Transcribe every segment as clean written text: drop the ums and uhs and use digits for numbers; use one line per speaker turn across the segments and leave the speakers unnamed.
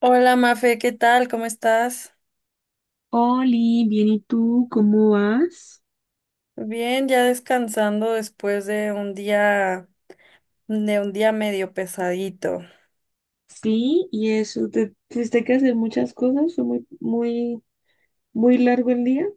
Hola Mafe, ¿qué tal? ¿Cómo estás?
Oli, bien, ¿y tú cómo vas?
Bien, ya descansando después de un día medio pesadito.
Sí, y eso, ¿te tuviste que hacer muchas cosas? ¿Fue muy, muy, muy largo el día?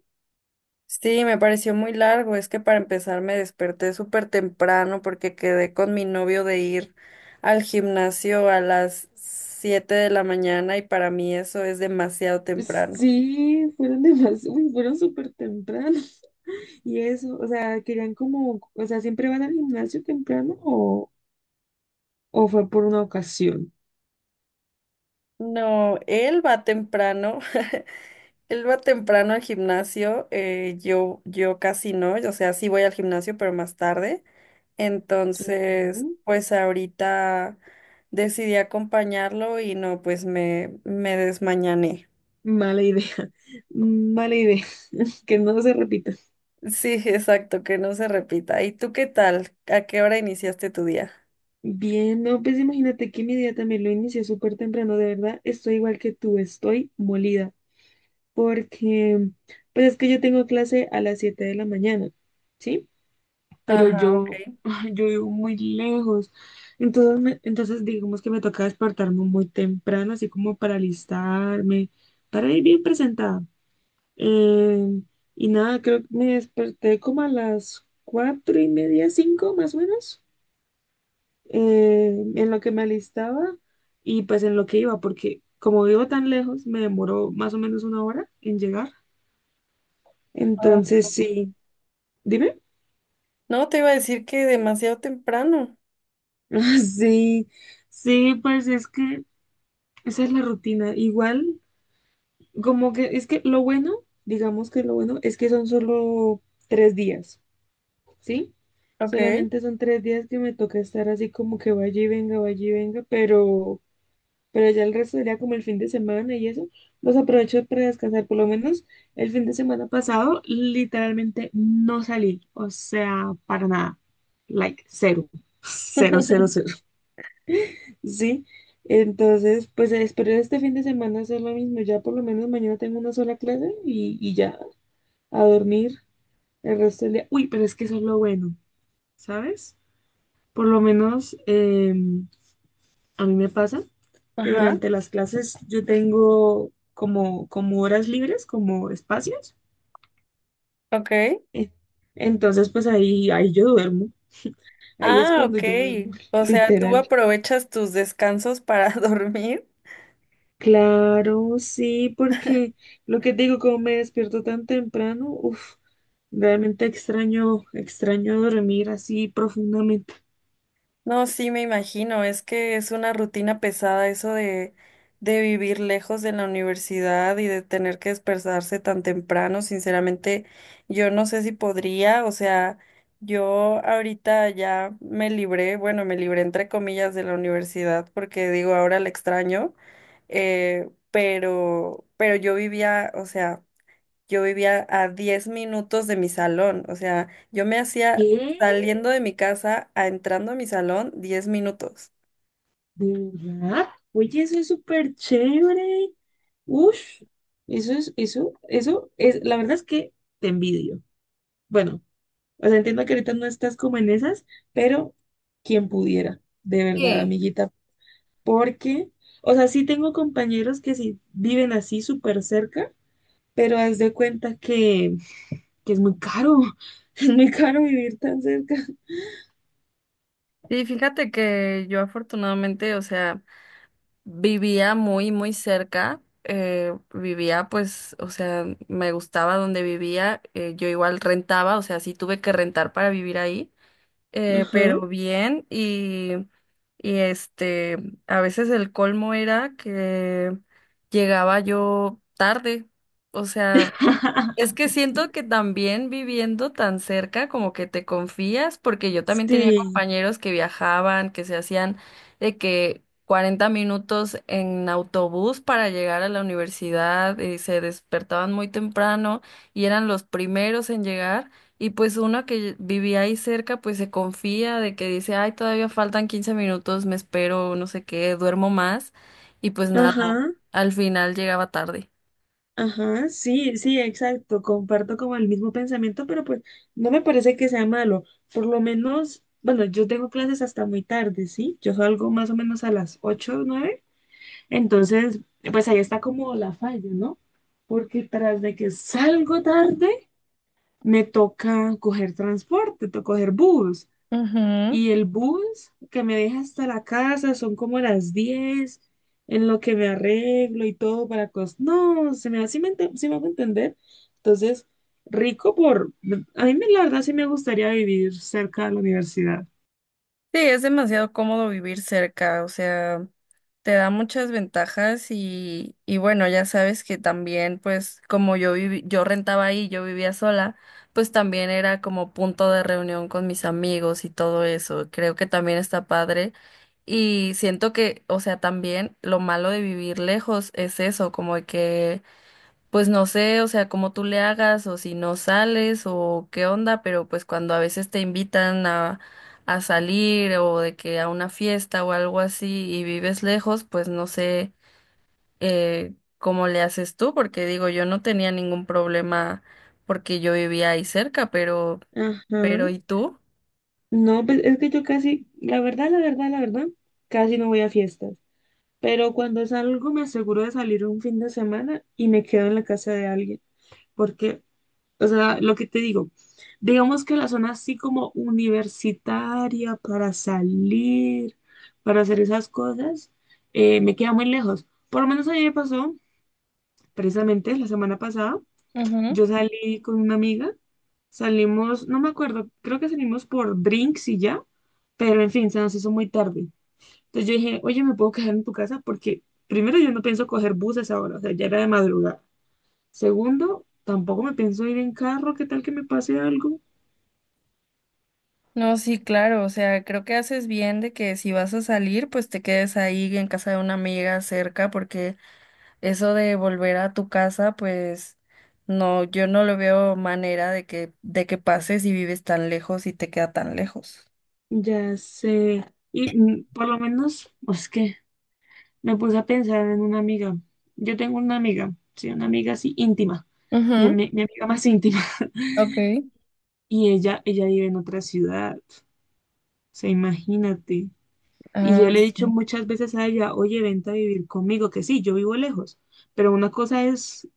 Sí, me pareció muy largo, es que para empezar me desperté súper temprano porque quedé con mi novio de ir al gimnasio a las 7 de la mañana y para mí eso es demasiado temprano.
Sí, fueron demasiado, fueron súper temprano. Y eso, o sea, querían como, o sea, ¿siempre van al gimnasio temprano o fue por una ocasión?
No, él va temprano. Él va temprano al gimnasio, yo casi no, o sea, sí voy al gimnasio, pero más tarde.
Ok.
Entonces, pues ahorita decidí acompañarlo y no, pues me desmañané.
Mala idea, mala idea, que no se repita.
Sí, exacto, que no se repita. ¿Y tú qué tal? ¿A qué hora iniciaste tu día?
Bien, no, pues imagínate que mi día también lo inicié súper temprano, de verdad, estoy igual que tú, estoy molida, porque pues es que yo tengo clase a las 7 de la mañana, ¿sí? Pero
Ajá,
yo,
ok.
ay, yo vivo muy lejos. Entonces, digamos que me toca despertarme muy temprano, así como para alistarme, para ir bien presentada. Eh, y nada, creo que me desperté como a las 4:30, 5 más o menos, en lo que me alistaba y pues en lo que iba, porque como vivo tan lejos, me demoró más o menos 1 hora en llegar.
Ah.
Entonces, sí, dime.
No, te iba a decir que demasiado temprano.
Ah, sí, sí, pues es que esa es la rutina. Igual, como que es que lo bueno, digamos que lo bueno es que son solo 3 días, ¿sí?
Ok.
Solamente son 3 días que me toca estar así como que vaya y venga, pero ya el resto sería como el fin de semana y eso, los aprovecho para descansar. Por lo menos el fin de semana pasado literalmente no salí, o sea, para nada, like cero, cero, cero, cero, ¿sí? Entonces, pues espero este fin de semana hacer lo mismo, ya por lo menos mañana tengo una sola clase y ya a dormir el resto del día. Uy, pero es que eso es lo bueno, ¿sabes? Por lo menos a mí me pasa, que
Ajá,
durante las clases yo tengo como, como horas libres, como espacios.
ok.
Eh, Entonces, pues ahí yo duermo. Ahí es
Ah,
cuando
ok.
yo duermo,
O sea, tú
literal.
aprovechas tus descansos para dormir.
Claro, sí, porque lo que digo, como me despierto tan temprano, uff, realmente extraño dormir así profundamente.
No, sí, me imagino. Es que es una rutina pesada eso de vivir lejos de la universidad y de tener que despertarse tan temprano. Sinceramente, yo no sé si podría. O sea, yo ahorita ya me libré, bueno, me libré entre comillas de la universidad porque digo, ahora la extraño. Pero yo vivía, o sea yo vivía a 10 minutos de mi salón, o sea, yo me hacía
¿Qué?
saliendo de mi casa a entrando a mi salón 10 minutos.
¿De verdad? Oye, eso es súper chévere. Uff, eso es, la verdad es que te envidio. Bueno, o sea, entiendo que ahorita no estás como en esas, pero quien pudiera, de verdad, amiguita, porque, o sea, sí tengo compañeros que sí viven así súper cerca, pero haz de cuenta que es muy caro, es muy caro vivir tan cerca.
Sí, fíjate que yo afortunadamente, o sea, vivía muy, muy cerca, vivía pues, o sea, me gustaba donde vivía, yo igual rentaba, o sea, sí tuve que rentar para vivir ahí. eh,
Ajá.
pero bien y a veces el colmo era que llegaba yo tarde, o sea, es que siento que también viviendo tan cerca como que te confías, porque yo también tenía
Sí,
compañeros que viajaban, que se hacían de que 40 minutos en autobús para llegar a la universidad y se despertaban muy temprano y eran los primeros en llegar y pues uno que vivía ahí cerca pues se confía de que dice, ay, todavía faltan 15 minutos, me espero, no sé qué, duermo más y pues nada,
ajá.
al final llegaba tarde.
Ajá, sí, sí, exacto, comparto como el mismo pensamiento, pero pues no me parece que sea malo. Por lo menos, bueno, yo tengo clases hasta muy tarde, ¿sí? Yo salgo más o menos a las 8 o 9, entonces, pues ahí está como la falla, ¿no? Porque tras de que salgo tarde, me toca coger transporte, toca coger bus.
Ujú.
Y el bus que me deja hasta la casa son como las 10 en lo que me arreglo y todo para cosas. No, se me hace, sí me hago entender. Entonces, rico por... A mí me- la verdad sí me gustaría vivir cerca de la universidad.
Sí, es demasiado cómodo vivir cerca, o sea, te da muchas ventajas y bueno, ya sabes que también, pues, como yo viví, yo rentaba ahí, yo vivía sola, pues también era como punto de reunión con mis amigos y todo eso. Creo que también está padre. Y siento que, o sea, también lo malo de vivir lejos es eso, como de que pues no sé, o sea, cómo tú le hagas o si no sales o qué onda, pero pues cuando a veces te invitan a salir o de que a una fiesta o algo así y vives lejos, pues no sé cómo le haces tú, porque digo, yo no tenía ningún problema porque yo vivía ahí cerca,
Ajá.
pero ¿y tú?
No, pues es que yo casi, la verdad, la verdad, la verdad, casi no voy a fiestas. Pero cuando salgo me aseguro de salir un fin de semana y me quedo en la casa de alguien. Porque o sea, lo que te digo, digamos que la zona así como universitaria para salir, para hacer esas cosas, me queda muy lejos. Por lo menos a mí me pasó, precisamente la semana pasada,
Ujú.
yo salí con una amiga, salimos, no me acuerdo, creo que salimos por drinks y ya, pero en fin, se nos hizo muy tarde. Entonces yo dije, oye, ¿me puedo quedar en tu casa? Porque primero yo no pienso coger buses ahora, o sea, ya era de madrugada. Segundo, tampoco me pienso ir en carro, ¿qué tal que me pase algo?
No, sí, claro, o sea, creo que haces bien de que si vas a salir, pues te quedes ahí en casa de una amiga cerca, porque eso de volver a tu casa, pues no, yo no lo veo manera de que pases y vives tan lejos y te queda tan lejos.
Ya sé. Y por lo menos, pues, es que me puse a pensar en una amiga. Yo tengo una amiga, sí, una amiga así íntima. Mi,
Ujú.
ami- mi amiga más íntima.
Ok.
Y ella vive en otra ciudad. O sea, imagínate. Y yo
Ah,
le he dicho
sí.
muchas veces a ella, oye, vente a vivir conmigo, que sí, yo vivo lejos. Pero una cosa es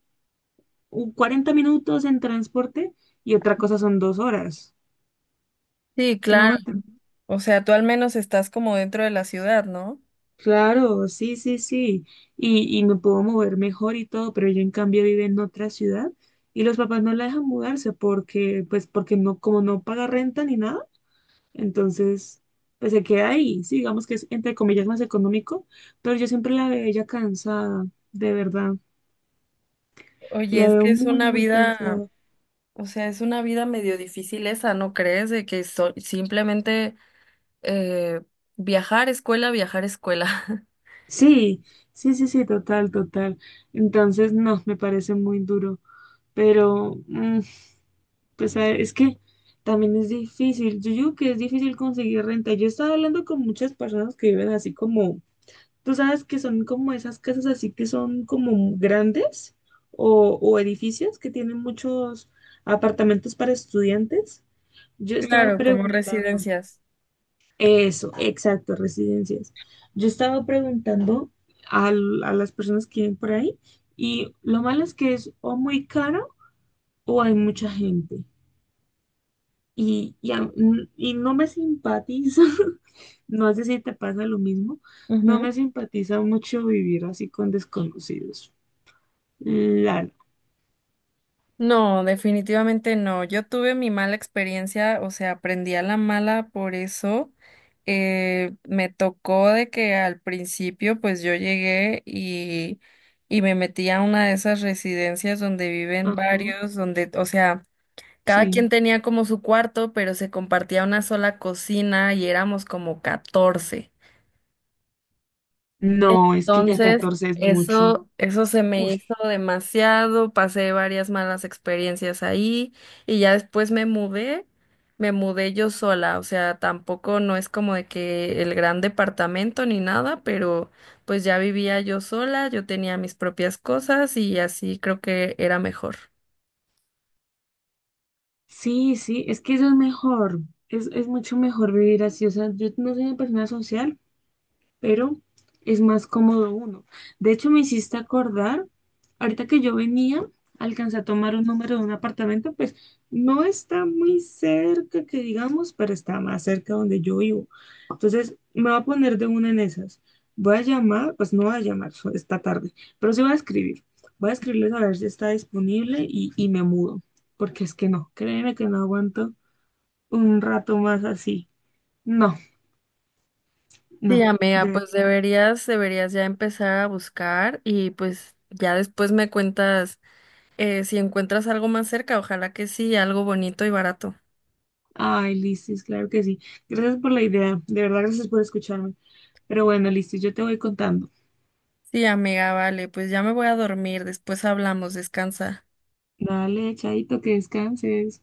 un 40 minutos en transporte y otra cosa son 2 horas.
Sí,
¿Sí me
claro.
hago?
O sea, tú al menos estás como dentro de la ciudad, ¿no?
Claro, sí, sí, sí. Y me puedo mover mejor y todo, pero yo en cambio vivo en otra ciudad y los papás no la dejan mudarse porque, pues, porque no, como no paga renta ni nada, entonces, pues se queda ahí. Sí, digamos que es entre comillas más económico, pero yo siempre la veo ella cansada, de verdad.
Oye,
La
es
veo
que es
muy,
una
muy
vida,
cansada.
o sea, es una vida medio difícil esa, ¿no crees? De que simplemente eh, viajar, escuela, viajar, escuela.
Sí, sí, sí, sí, total, total. Entonces, no, me parece muy duro. Pero, pues a ver, es que también es difícil. Yo digo que es difícil conseguir renta. Yo estaba hablando con muchas personas que viven así como, tú sabes que son como esas casas así que son como grandes o edificios que tienen muchos apartamentos para estudiantes. Yo estaba
Claro, como
preguntando,
residencias.
eso, exacto, residencias. Yo estaba preguntando las personas que viven por ahí y lo malo es que es o muy caro o hay mucha gente. y, y, a- y no me simpatiza, no sé si te pasa lo mismo, no me simpatiza mucho vivir así con desconocidos. Claro.
No, definitivamente no. Yo tuve mi mala experiencia, o sea, aprendí a la mala por eso. Me tocó de que al principio, pues yo llegué y me metí a una de esas residencias donde viven
Ajá,
varios, donde, o sea, cada
sí.
quien tenía como su cuarto, pero se compartía una sola cocina y éramos como 14.
No, es que ya
Entonces,
14 es mucho.
eso se me
Uf,
hizo demasiado, pasé varias malas experiencias ahí y ya después me mudé yo sola, o sea, tampoco no es como de que el gran departamento ni nada, pero pues ya vivía yo sola, yo tenía mis propias cosas y así creo que era mejor.
sí, sí, es que eso es mejor, es mucho mejor vivir así, o sea, yo no soy una persona social, pero es más cómodo uno. De hecho, me hiciste acordar, ahorita que yo venía, alcancé a tomar un número de un apartamento, pues no está muy cerca, que digamos, pero está más cerca donde yo vivo. Entonces, me voy a poner de una en esas. Voy a llamar, pues no voy a llamar esta tarde, pero sí voy a escribir. Voy a escribirles a ver si está disponible y me mudo, porque es que no, créeme que no aguanto un rato más así. No,
Sí,
no.
amiga, pues deberías, deberías ya empezar a buscar y pues ya después me cuentas si encuentras algo más cerca, ojalá que sí, algo bonito y barato.
Ay, Listis, claro que sí. Gracias por la idea. De verdad, gracias por escucharme. Pero bueno, Listis, yo te voy contando.
Sí, amiga, vale, pues ya me voy a dormir, después hablamos, descansa.
Dale, chaito, que descanses.